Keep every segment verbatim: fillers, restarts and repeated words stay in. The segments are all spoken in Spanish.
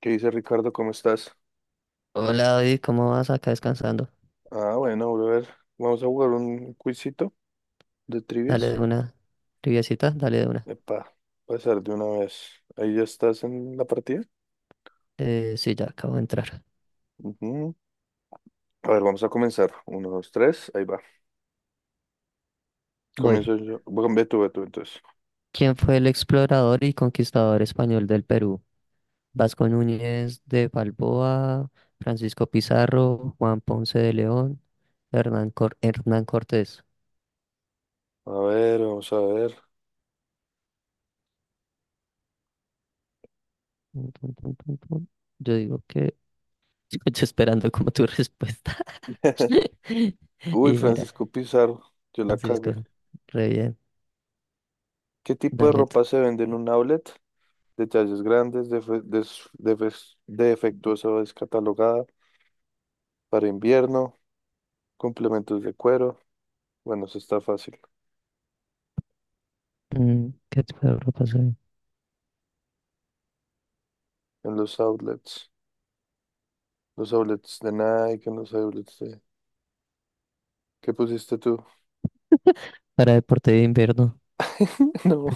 ¿Qué dice Ricardo? ¿Cómo estás? Hola David, ¿cómo vas acá descansando? Ah, bueno, brother. Vamos a jugar un quizito de Dale trivias. de una. Triviacita, dale de una. Epa, pasar de una vez. Ahí ya estás en la partida. Eh, sí, ya acabo de entrar. Ujú. A ver, vamos a comenzar. Uno, dos, tres. Ahí va. Voy. Comienzo yo. Bueno, ve tú, ve tú, entonces. ¿Quién fue el explorador y conquistador español del Perú? Vasco Núñez de Balboa, Francisco Pizarro, Juan Ponce de León, Hernán, Cor- Hernán Cortés. A ver, vamos a ver. Tun, tun, tun, tun, tun. Yo digo que estoy esperando como tu respuesta. Uy, Y mira, Francisco Pizarro. Yo la cagué. Francisco, re bien. ¿Qué tipo de Dale tú. ropa se vende en un outlet? De tallas grandes, defe- des- defes- defectuosa o descatalogada para invierno, complementos de cuero. Bueno, eso está fácil. Mm, ¿qué te puedo pasar? En los outlets, los outlets de Nike, en los outlets de... ¿Qué pusiste tú? Para deporte de invierno, No,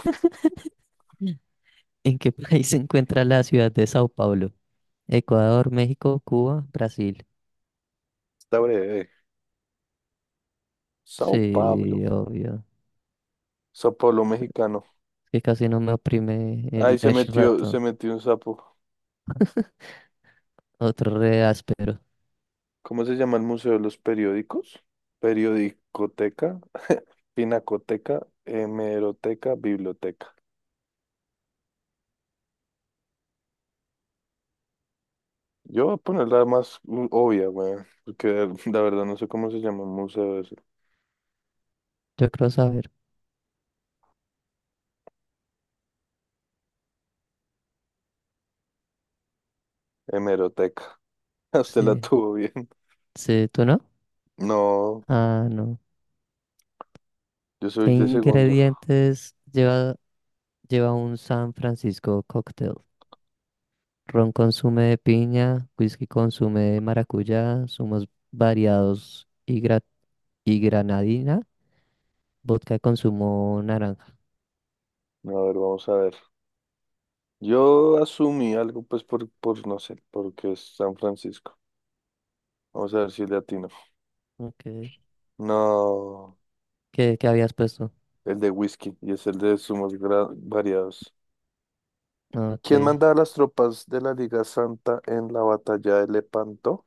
¿en qué país se encuentra la ciudad de Sao Paulo? Ecuador, México, Cuba, Brasil. está breve. Sao Pablo, Sí, obvio. Sao Pablo mexicano. Es que casi no me oprime Ahí el, se el metió, se ratón. metió un sapo. Otro re áspero. ¿Cómo se llama el Museo de los Periódicos? Periodicoteca, Pinacoteca, Hemeroteca, Biblioteca. Yo voy a poner la más u- obvia, weón, porque la verdad no sé cómo se llama el museo ese. Yo creo saber. Hemeroteca. Usted la Sí. tuvo bien. Sí, ¿tú no? No, Ah, no. yo ¿Qué soy de segundo. ingredientes lleva, lleva un San Francisco cocktail? Ron con zumo de piña, whisky con zumo de maracuyá, zumos variados y, gra- y granadina. Vodka de consumo naranja. A ver, vamos a ver. Yo asumí algo, pues, por, por no sé, porque es San Francisco. Vamos a ver si le atino. Okay. No, ¿Qué, qué habías puesto? el de whisky y es el de zumos gra- variados. Ah, ¿Quién ok. mandaba las tropas de la Liga Santa en la batalla de Lepanto?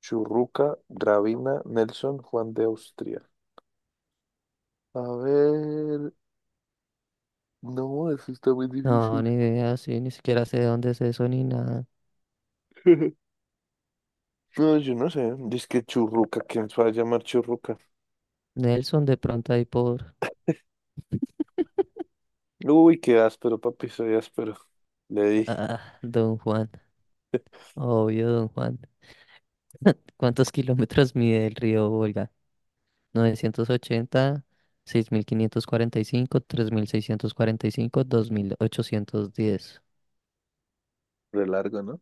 Churruca, Gravina, Nelson, Juan de Austria. A ver, no, eso está muy No, difícil. ni idea, sí, ni siquiera sé de dónde es eso ni nada. No, yo no sé. Dice que Churruca, ¿quién se va a llamar Churruca? Nelson, de pronto ahí por... Uy, qué áspero, papi, soy áspero. Le di. Ah, Don Juan. Obvio, Don Juan. ¿Cuántos kilómetros mide el río Volga? Novecientos ochenta, seis mil mil quinientos cuarenta cuarenta y y cinco, cinco, tres mil seiscientos cuarenta y cinco, dos mil ochocientos diez. Re largo, ¿no?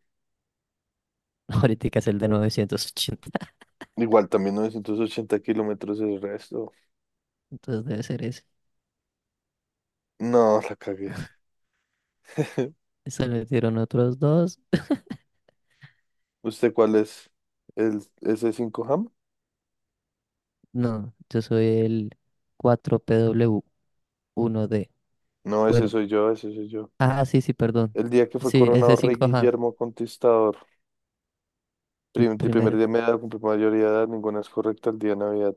Ahorita es el de novecientos ochenta. Igual también novecientos ochenta kilómetros el resto. Entonces debe ser ese. No, la cagué. Se le dieron otros dos. ¿Usted cuál es? ¿El ese cinco Ham? No, yo soy el cuatro P W uno d. No, ese Bueno, soy yo, ese soy yo. ah, sí, sí, perdón. El día que fue Sí, coronado ese sí, rey coja. Guillermo Conquistador. El Prim- de primer primer. día de mi edad, cumplí mayoría de edad, ninguna es correcta el día de Navidad.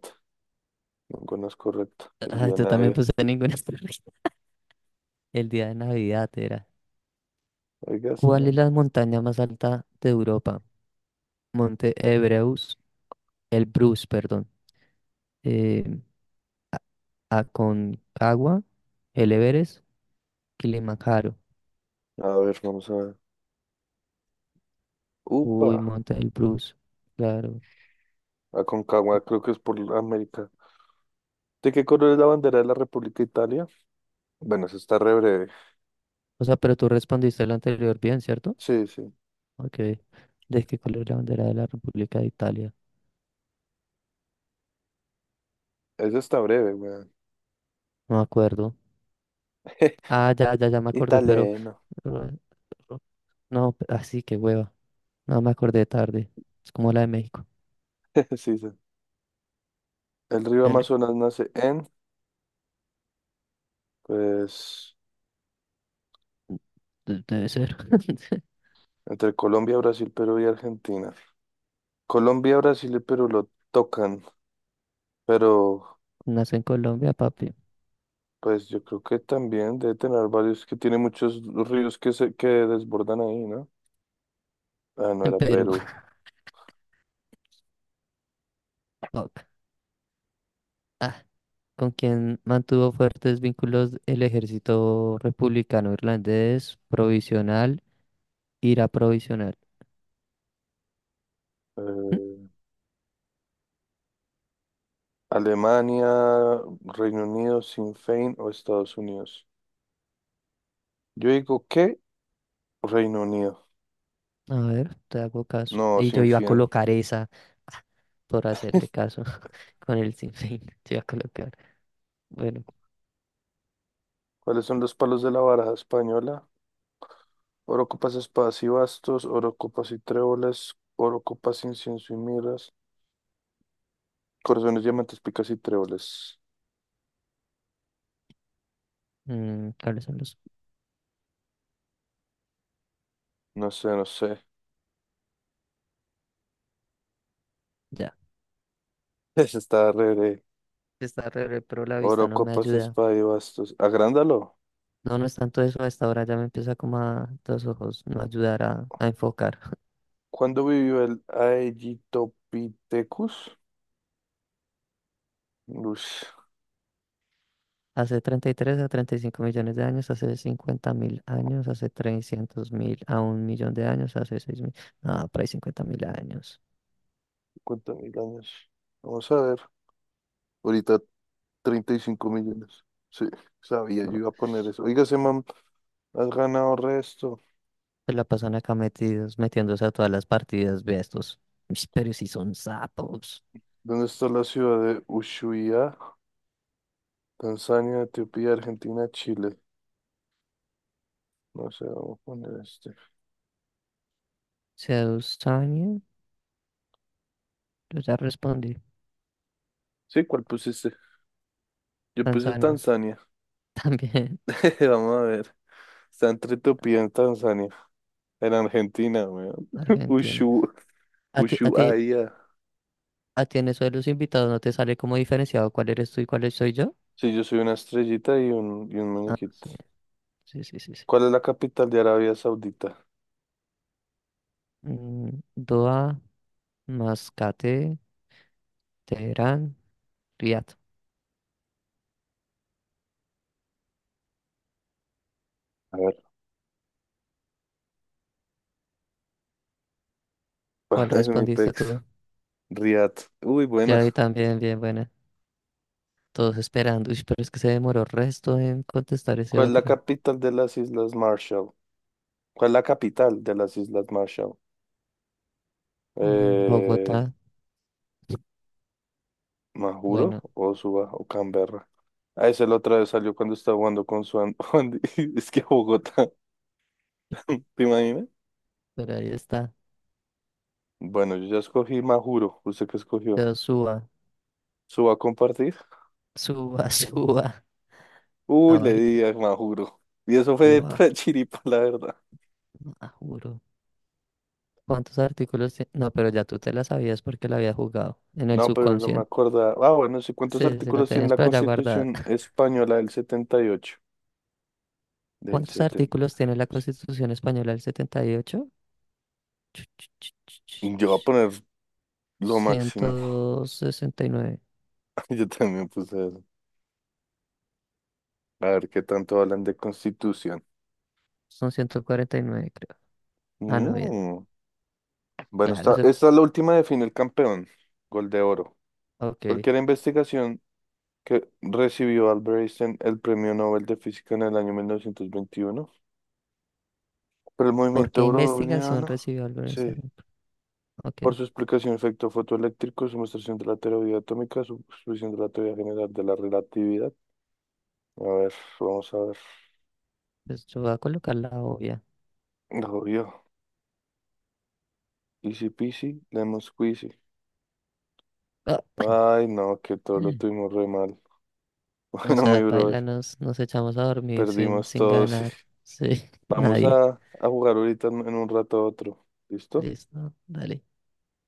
Ninguna es correcta el Ah, día de yo también Navidad. puse ninguna. El día de Navidad era. Oiga, se ¿Cuál es me- la montaña más alta de Europa? Monte Ebreus, el Bruce, perdón. Eh, Aconcagua, el Everest, Kilimanjaro. a ver, vamos a ver. Uy, Upa, Monte del Bruce, claro. Aconcagua, creo que es por América. ¿De qué color es la bandera de la República de Italia? Bueno, eso está re breve. O sea, pero tú respondiste el anterior bien, ¿cierto? Sí, sí. Ok. ¿De qué color es la bandera de la República de Italia? Eso está breve, weón. No me acuerdo. Ah, ya, ya, ya me acordé, pero... Italiano. Pero, no, así que hueva. No me acordé tarde. Es como la de México. Sí, sí. El río El... Amazonas nace en, pues, de- Debe ser. entre Colombia, Brasil, Perú y Argentina. Colombia, Brasil y Perú lo tocan, pero Nació en Colombia, papi. pues yo creo que también debe tener varios, que tiene muchos ríos que se que desbordan ahí, ¿no? Ah, no En era Perú. Perú. Fuck. Ah, con quien mantuvo fuertes vínculos el ejército republicano irlandés provisional, ira provisional. ¿Mm? Eh, Alemania, Reino Unido, Sinn Féin o Estados Unidos. Yo digo que Reino Unido, A ver, te hago caso. no, Y yo Sinn iba a Féin. colocar esa por hacerle caso con el sinfín. Te iba a colocar. Bueno, ¿Cuáles son los palos de la baraja española? Oro ocupas espadas y bastos, oro ocupas y tréboles, oro ocupas incienso y miras, corazones, diamantes, picas y tréboles. mm, ¿cuáles son los? No sé, no sé. Ya. Ese está re, re. Está re, re, pero la vista Oro, no me copas, ayuda. espada y bastos. Agrándalo. No, no es tanto eso, a esta hora ya me empieza como a los ojos no ayudar a, a enfocar. ¿Cuándo vivió el Aegyptopithecus? Uy, Hace treinta y tres a treinta y cinco millones de años, hace cincuenta mil años, hace trescientos mil a un millón de años, hace seis mil, ah, por ahí cincuenta mil años. cincuenta mil años. Vamos a ver. Ahorita treinta y cinco millones. Sí, sabía, yo No, iba a poner eso. Oiga, ese man, has ganado resto. se la pasan acá metidos, metiéndose a todas las partidas, ve a estos. Ush, pero si son sapos. ¿Dónde está la ciudad de Ushuaia? Tanzania, Etiopía, Argentina, Chile. No sé, vamos a poner este. Tanzania, yo ya respondí. Sí, ¿cuál pusiste? Yo puse Tanzania, Tanzania. también Vamos a ver. Está entre Etiopía y Tanzania. En Argentina, weón. Argentina. Ushu, A ti, a ti, Ushuaia. ah, tiene eso de los invitados, ¿no te sale como diferenciado cuál eres tú y cuál soy yo? Sí, yo soy una estrellita y un, y un Ah, muñequito. sí, sí, sí, sí, sí. ¿Cuál es la capital de Arabia Saudita? Mm, Doha, Mascate, Teherán, Riad. A ver. ¿Cuál Es mi respondiste pex. tú? Riad. Uy, buena. Ya vi también, bien buena. Todos esperando. Uy, pero es que se demoró resto en contestar ese ¿Cuál es la otro. capital de las Islas Marshall? ¿Cuál es la capital de las Islas Marshall? Mm, Eh, Bogotá, Majuro bueno, o Suba o Canberra. A esa la otra vez salió cuando estaba jugando con su An- Andy. Es que Bogotá, ¿te imaginas? pero ahí está. Bueno, yo ya escogí Majuro. ¿Usted qué escogió? Pero suba, ¿Su va a compartir? suba, suba. Uy, le Abajito, di a Majuro. Y eso fue suba. para chiripa, la verdad. Ah, juro. ¿Cuántos artículos tiene? No, pero ya tú te la sabías porque la había jugado en el No, pero no me subconsciente. acuerdo. Ah, bueno, sí, ¿cuántos Sí, sí, la artículos tiene tenías la por allá guardada. Constitución Española del setenta y ocho? Del ¿Cuántos setenta. artículos tiene la Constitución Española del setenta y ocho? Ch, ch, ch, ch, ch, Yo voy a ch. poner lo máximo. ciento sesenta y nueve. Yo también puse eso. A ver qué tanto hablan de Constitución. Son ciento cuarenta y nueve creo. Ah, no, bien. Mm. Bueno, Claro, esta, eso. esta es la última de fin el campeón, Gol de Oro, porque Ok. la investigación que recibió Albert Einstein el Premio Nobel de Física en el año mil novecientos veintiuno por el ¿Por qué movimiento investigación browniano, recibió Albert sí, Einstein? Ok, por su explicación de efecto fotoeléctrico, su demostración de la teoría atómica, su exposición de la teoría general de la relatividad. A ver, vamos a ver. pues yo voy a colocar la obvia. Lo vio. Easy peasy, lemon squeezy. Ah, Ay, no, que todo lo tuvimos re mal. no Bueno, sé, mi paila, brother, nos, nos echamos a dormir sin, perdimos sin todo, sí. ganar. Sí, Vamos nadie. a, a jugar ahorita en, en un rato a otro. ¿Listo? Listo, dale.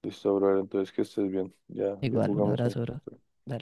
Listo, brother. Entonces que estés bien. Ya, ya Igual, un jugamos. abrazo, bro. ¿No?